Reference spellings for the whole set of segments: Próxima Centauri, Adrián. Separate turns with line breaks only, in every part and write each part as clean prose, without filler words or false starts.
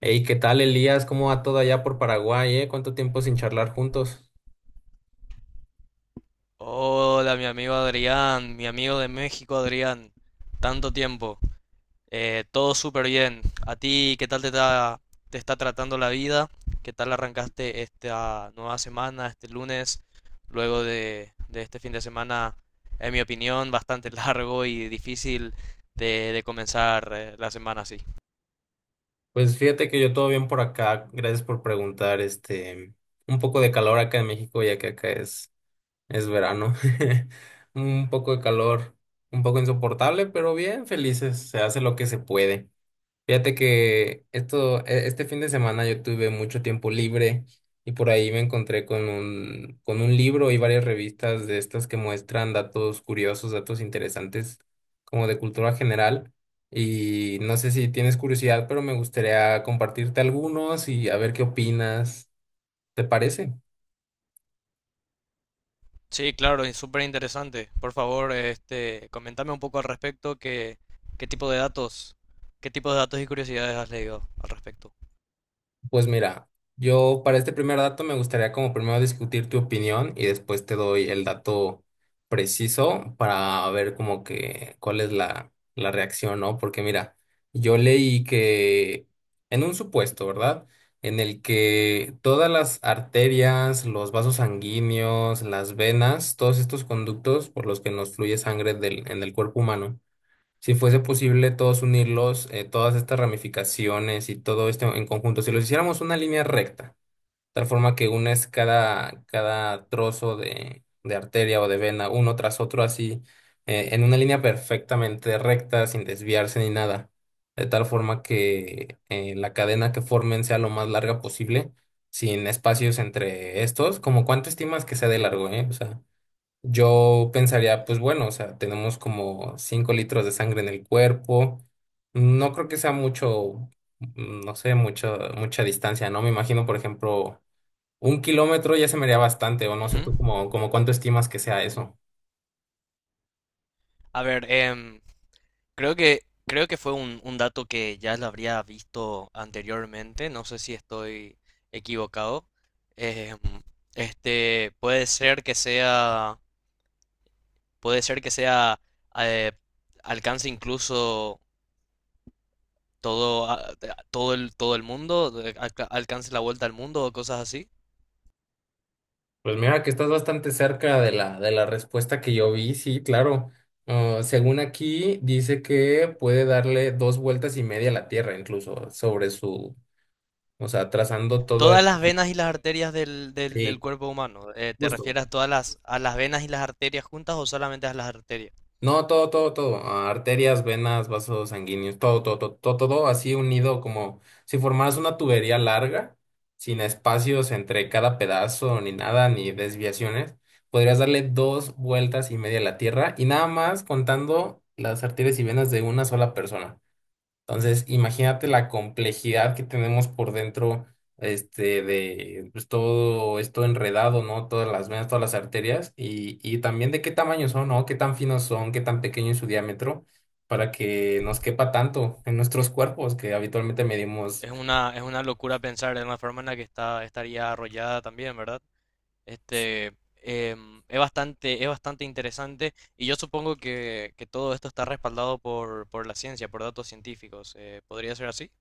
Hey, ¿qué tal, Elías? ¿Cómo va todo allá por Paraguay? ¿Cuánto tiempo sin charlar juntos?
Hola, mi amigo Adrián, mi amigo de México Adrián, tanto tiempo. Todo súper bien. ¿A ti qué tal te está tratando la vida? ¿Qué tal arrancaste esta nueva semana, este lunes, luego de este fin de semana, en mi opinión, bastante largo y difícil de comenzar la semana así?
Pues fíjate que yo todo bien por acá. Gracias por preguntar. Un poco de calor acá en México, ya que acá es verano. Un poco de calor, un poco insoportable, pero bien, felices. Se hace lo que se puede. Fíjate que este fin de semana yo tuve mucho tiempo libre y por ahí me encontré con con un libro y varias revistas de estas que muestran datos curiosos, datos interesantes, como de cultura general. Y no sé si tienes curiosidad, pero me gustaría compartirte algunos y a ver qué opinas. ¿Te parece?
Sí, claro, es súper interesante. Por favor, este, coméntame un poco al respecto, qué tipo de datos, qué tipo de datos y curiosidades has leído al respecto.
Pues mira, yo para este primer dato me gustaría como primero discutir tu opinión y después te doy el dato preciso para ver como que cuál es la reacción, ¿no? Porque mira, yo leí que en un supuesto, ¿verdad? En el que todas las arterias, los vasos sanguíneos, las venas, todos estos conductos por los que nos fluye sangre del, en el cuerpo humano, si fuese posible todos unirlos, todas estas ramificaciones y todo esto en conjunto, si los hiciéramos una línea recta, tal forma que unes cada trozo de arteria o de vena uno tras otro así, en una línea perfectamente recta, sin desviarse ni nada, de tal forma que la cadena que formen sea lo más larga posible, sin espacios entre estos, como cuánto estimas que sea de largo, ¿eh? O sea. Yo pensaría, pues bueno, o sea, tenemos como 5 litros de sangre en el cuerpo. No creo que sea mucho, no sé, mucha, mucha distancia, ¿no? Me imagino, por ejemplo, un kilómetro ya se me haría bastante, o no
Ujú.
sé tú como cuánto estimas que sea eso.
A ver, creo que fue un dato que ya lo habría visto anteriormente, no sé si estoy equivocado. Em, este, puede ser que sea, eh, alcance incluso todo, a- todo todo el mundo, alcance la vuelta al mundo o cosas así.
Pues mira que estás bastante cerca de la respuesta que yo vi, sí, claro. Ah, según aquí, dice que puede darle 2,5 vueltas a la Tierra, incluso, sobre su, o sea, trazando todo el...
Todas las venas y las arterias del
Sí.
cuerpo humano. ¿Te
Justo.
refieres a todas a las venas y las arterias juntas o solamente a las arterias?
No, todo, todo, todo. Ah, arterias, venas, vasos sanguíneos, todo, todo, todo, todo, todo así unido como si formaras una tubería larga, sin espacios entre cada pedazo, ni nada, ni desviaciones. Podrías darle 2,5 vueltas a la Tierra y nada más contando las arterias y venas de una sola persona. Entonces, imagínate la complejidad que tenemos por dentro, de pues, todo esto enredado, ¿no? Todas las venas, todas las arterias y también de qué tamaño son, ¿no? Qué tan finos son, qué tan pequeño es su diámetro para que nos quepa tanto en nuestros cuerpos que habitualmente medimos.
Es una locura pensar en la forma en la que está, estaría arrollada también, ¿verdad? Este, es bastante interesante y yo supongo que todo esto está respaldado por la ciencia, por datos científicos. ¿Podría ser así?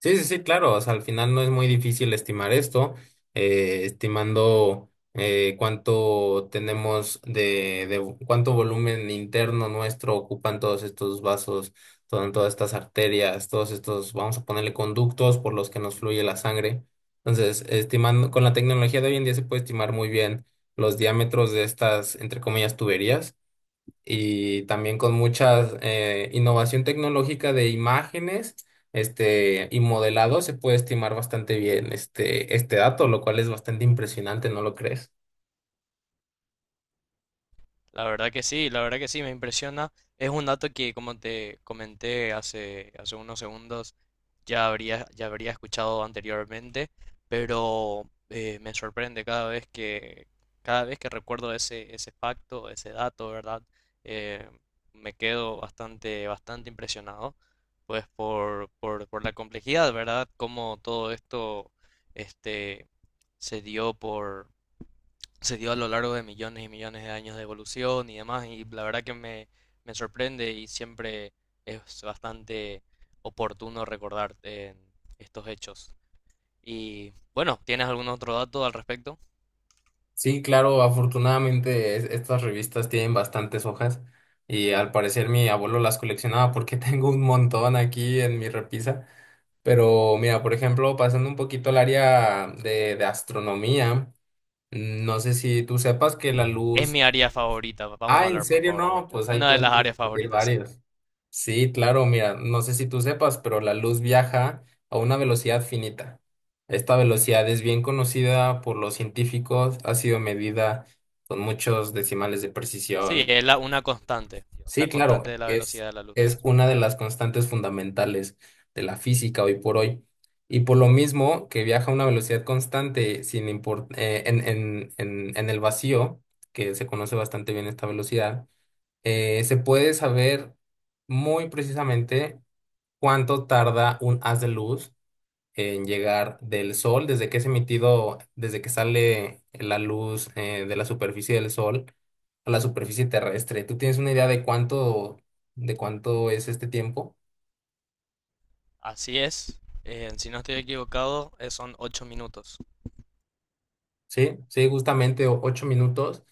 Sí, sí, sí, claro. O sea, al final no es muy difícil estimar esto, estimando cuánto tenemos de cuánto volumen interno nuestro ocupan todos estos vasos, todas estas arterias, todos estos, vamos a ponerle conductos por los que nos fluye la sangre. Entonces, estimando, con la tecnología de hoy en día se puede estimar muy bien los diámetros de estas, entre comillas, tuberías y también con mucha innovación tecnológica de imágenes, y modelado se puede estimar bastante bien este dato, lo cual es bastante impresionante, ¿no lo crees?
La verdad que sí, la verdad que sí, me impresiona. Es un dato que, como te comenté hace, hace unos segundos, ya habría escuchado anteriormente, pero me sorprende cada vez que recuerdo ese, ese facto, ese dato, ¿verdad? Eh, Me quedo bastante, bastante impresionado, pues por la complejidad, ¿verdad? Cómo todo esto, este, se dio se dio a lo largo de millones y millones de años de evolución y demás, y la verdad que me sorprende y siempre es bastante oportuno recordar estos hechos. Y bueno, ¿tienes algún otro dato al respecto?
Sí, claro, afortunadamente estas revistas tienen bastantes hojas y al parecer mi abuelo las coleccionaba porque tengo un montón aquí en mi repisa. Pero mira, por ejemplo, pasando un poquito al área de astronomía, no sé si tú sepas que la
Es
luz.
mi área favorita, vamos
Ah,
a
¿en
hablar por
serio?
favor de
No,
ello.
pues ahí
Una de las
podemos
áreas
discutir
favoritas, sí.
varios. Sí, claro, mira, no sé si tú sepas, pero la luz viaja a una velocidad finita. Esta velocidad es bien conocida por los científicos, ha sido medida con muchos decimales de
Sí,
precisión.
es una constante, la
Sí, claro,
constante de la
es,
velocidad de la luz.
es una de las constantes fundamentales de la física hoy por hoy. Y por lo mismo que viaja a una velocidad constante, sin import- en el vacío, que se conoce bastante bien esta velocidad, se puede saber muy precisamente cuánto tarda un haz de luz en llegar del sol, desde que es emitido, desde que sale la luz, de la superficie del sol a la superficie terrestre. ¿Tú tienes una idea de cuánto es este tiempo?
Así es, si no estoy equivocado, son 8 minutos.
Sí, sí, justamente 8 minutos,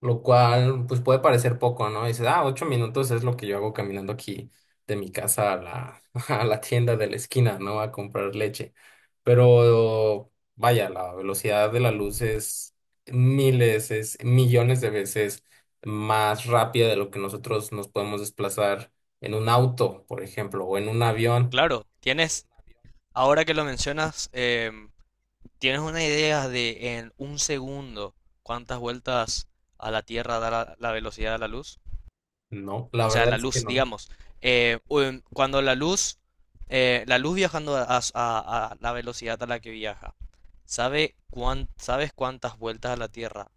lo cual pues puede parecer poco, ¿no? Dices, ah, 8 minutos es lo que yo hago caminando aquí de mi casa a la, a la tienda de la esquina, ¿no? A comprar leche. Pero vaya, la velocidad de la luz es miles, es millones de veces más rápida de lo que nosotros nos podemos desplazar en un auto, por ejemplo, o en un avión.
Claro, tienes, ahora que lo mencionas, ¿tienes una idea de en un segundo cuántas vueltas a la Tierra da la velocidad de la luz?
No, la
O sea,
verdad
la
es que
luz,
no.
digamos. Cuando la luz viajando a la velocidad a la que viaja, ¿sabes cuántas vueltas a la Tierra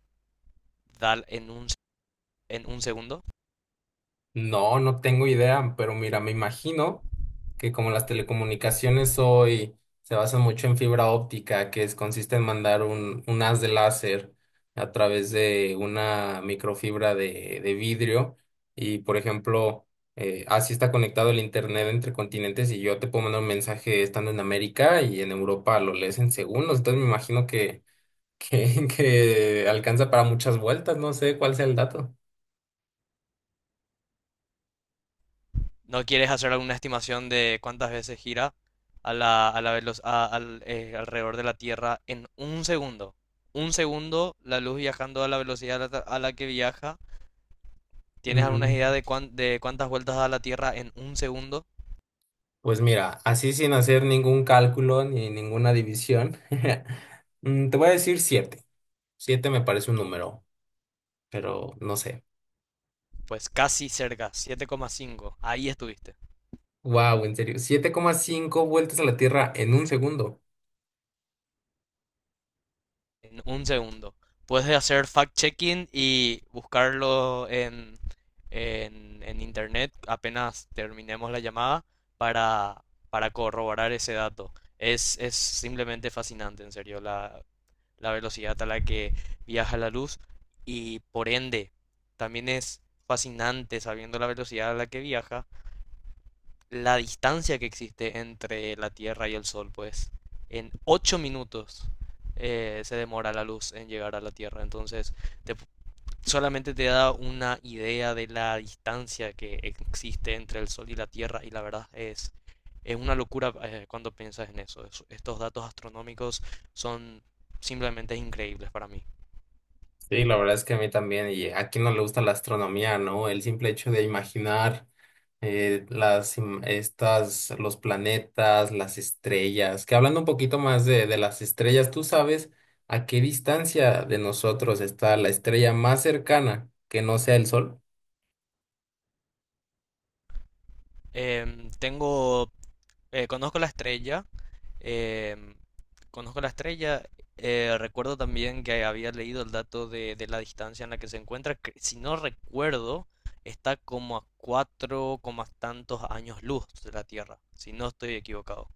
da en un segundo?
No, no tengo idea, pero mira, me imagino que como las telecomunicaciones hoy se basan mucho en fibra óptica, que es, consiste en mandar un haz de láser a través de una microfibra de vidrio y, por ejemplo, así está conectado el internet entre continentes y yo te puedo mandar un mensaje estando en América y en Europa lo lees en segundos, entonces me imagino que alcanza para muchas vueltas, no sé cuál sea el dato.
¿No quieres hacer alguna estimación de cuántas veces gira a la alrededor de la Tierra en un segundo? Un segundo, la luz viajando a la velocidad a la que viaja. ¿Tienes alguna
Mm.
idea de de cuántas vueltas da la Tierra en un segundo?
Pues mira, así sin hacer ningún cálculo ni ninguna división, te voy a decir 7. 7 me parece un número, pero no sé.
Pues casi cerca, 7,5. Ahí estuviste.
Wow, en serio. 7,5 vueltas a la Tierra en un segundo.
En un segundo. Puedes hacer fact-checking y buscarlo en internet apenas terminemos la llamada para, para corroborar ese dato. Es simplemente fascinante, en serio, la velocidad a la que viaja la luz y por ende también es fascinante sabiendo la velocidad a la que viaja la distancia que existe entre la Tierra y el Sol, pues en 8 minutos se demora la luz en llegar a la Tierra. Entonces, te- solamente te da una idea de la distancia que existe entre el Sol y la Tierra y la verdad es una locura cuando piensas en eso. Estos datos astronómicos son simplemente increíbles para mí.
Sí, la verdad es que a mí también, y a quién no le gusta la astronomía, ¿no? El simple hecho de imaginar, estas, los planetas, las estrellas, que hablando un poquito más de las estrellas, ¿tú sabes a qué distancia de nosotros está la estrella más cercana que no sea el Sol?
Em, tengo, Conozco la estrella. Em, Conozco la estrella. Recuerdo también que había leído el dato de la distancia en la que se encuentra. Si no recuerdo, está como a cuatro coma tantos años luz de la Tierra, si no estoy equivocado.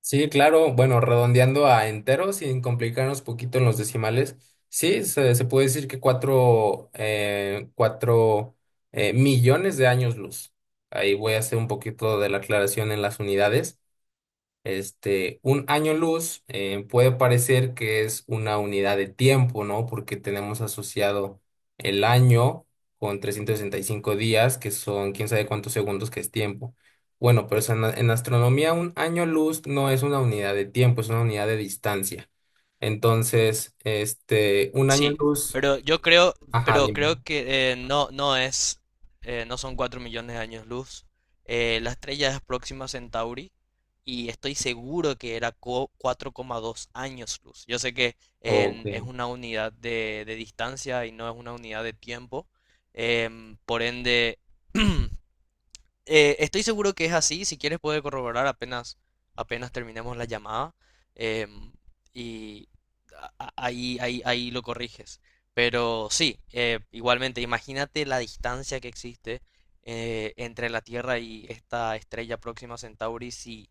Sí, claro, bueno, redondeando a enteros, sin complicarnos poquito en los decimales, sí, se puede decir que cuatro millones de años luz. Ahí voy a hacer un poquito de la aclaración en las unidades. Un año luz, puede parecer que es una unidad de tiempo, ¿no? Porque tenemos asociado el año con 365 días, que son quién sabe cuántos segundos que es tiempo. Bueno, pero eso en astronomía un año luz no es una unidad de tiempo, es una unidad de distancia. Entonces, un año
Sí,
luz,
pero yo creo,
ajá,
pero creo
dime.
que no es, no son 4 millones de años luz. La estrella es Próxima Centauri y estoy seguro que era 4,2 años luz. Yo sé que
Ok.
es una unidad de distancia y no es una unidad de tiempo. Por ende, estoy seguro que es así, si quieres puede corroborar apenas terminemos la llamada em, y ahí, ahí lo corriges. Pero sí, igualmente, imagínate la distancia que existe entre la Tierra y esta estrella próxima a Centauri si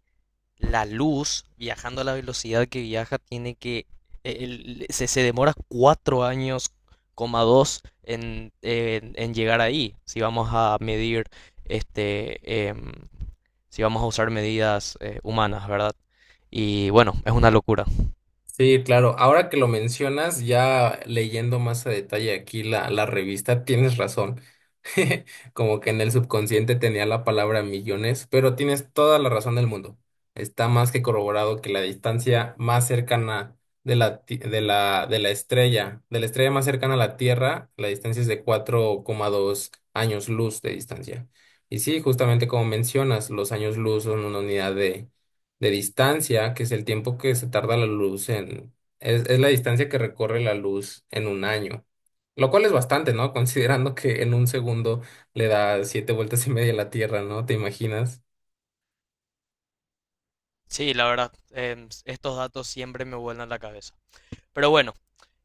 la luz, viajando a la velocidad que viaja, tiene que, e, el- se demora cuatro años, coma dos, en llegar ahí. Si vamos a medir, este, em, si vamos a usar medidas humanas, ¿verdad? Y bueno, es una locura.
Sí, claro. Ahora que lo mencionas, ya leyendo más a detalle aquí la revista, tienes razón. Como que en el subconsciente tenía la palabra millones, pero tienes toda la razón del mundo. Está más que corroborado que la distancia más cercana de la estrella más cercana a la Tierra, la distancia es de 4,2 años luz de distancia. Y sí, justamente como mencionas, los años luz son una unidad de distancia, que es el tiempo que se tarda la luz en... Es la distancia que recorre la luz en un año. Lo cual es bastante, ¿no? Considerando que en un segundo le da 7,5 vueltas a la Tierra, ¿no? ¿Te imaginas?
Sí, la verdad, estos datos siempre me vuelan la cabeza. Pero bueno,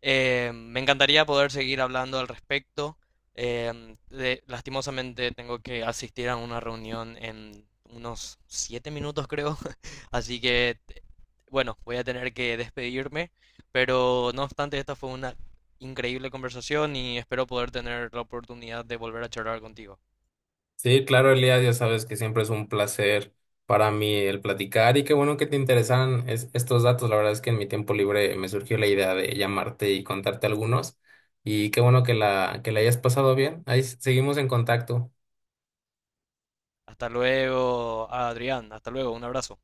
me encantaría poder seguir hablando al respecto. Lastimosamente tengo que asistir a una reunión en unos 7 minutos, creo. Así que, bueno, voy a tener que despedirme. Pero no obstante, esta fue una increíble conversación y espero poder tener la oportunidad de volver a charlar contigo.
Sí, claro, Elías, ya sabes que siempre es un placer para mí el platicar y qué bueno que te interesan estos datos. La verdad es que en mi tiempo libre me surgió la idea de llamarte y contarte algunos y qué bueno que la hayas pasado bien. Ahí seguimos en contacto.
Hasta luego, Adrián. Hasta luego. Un abrazo.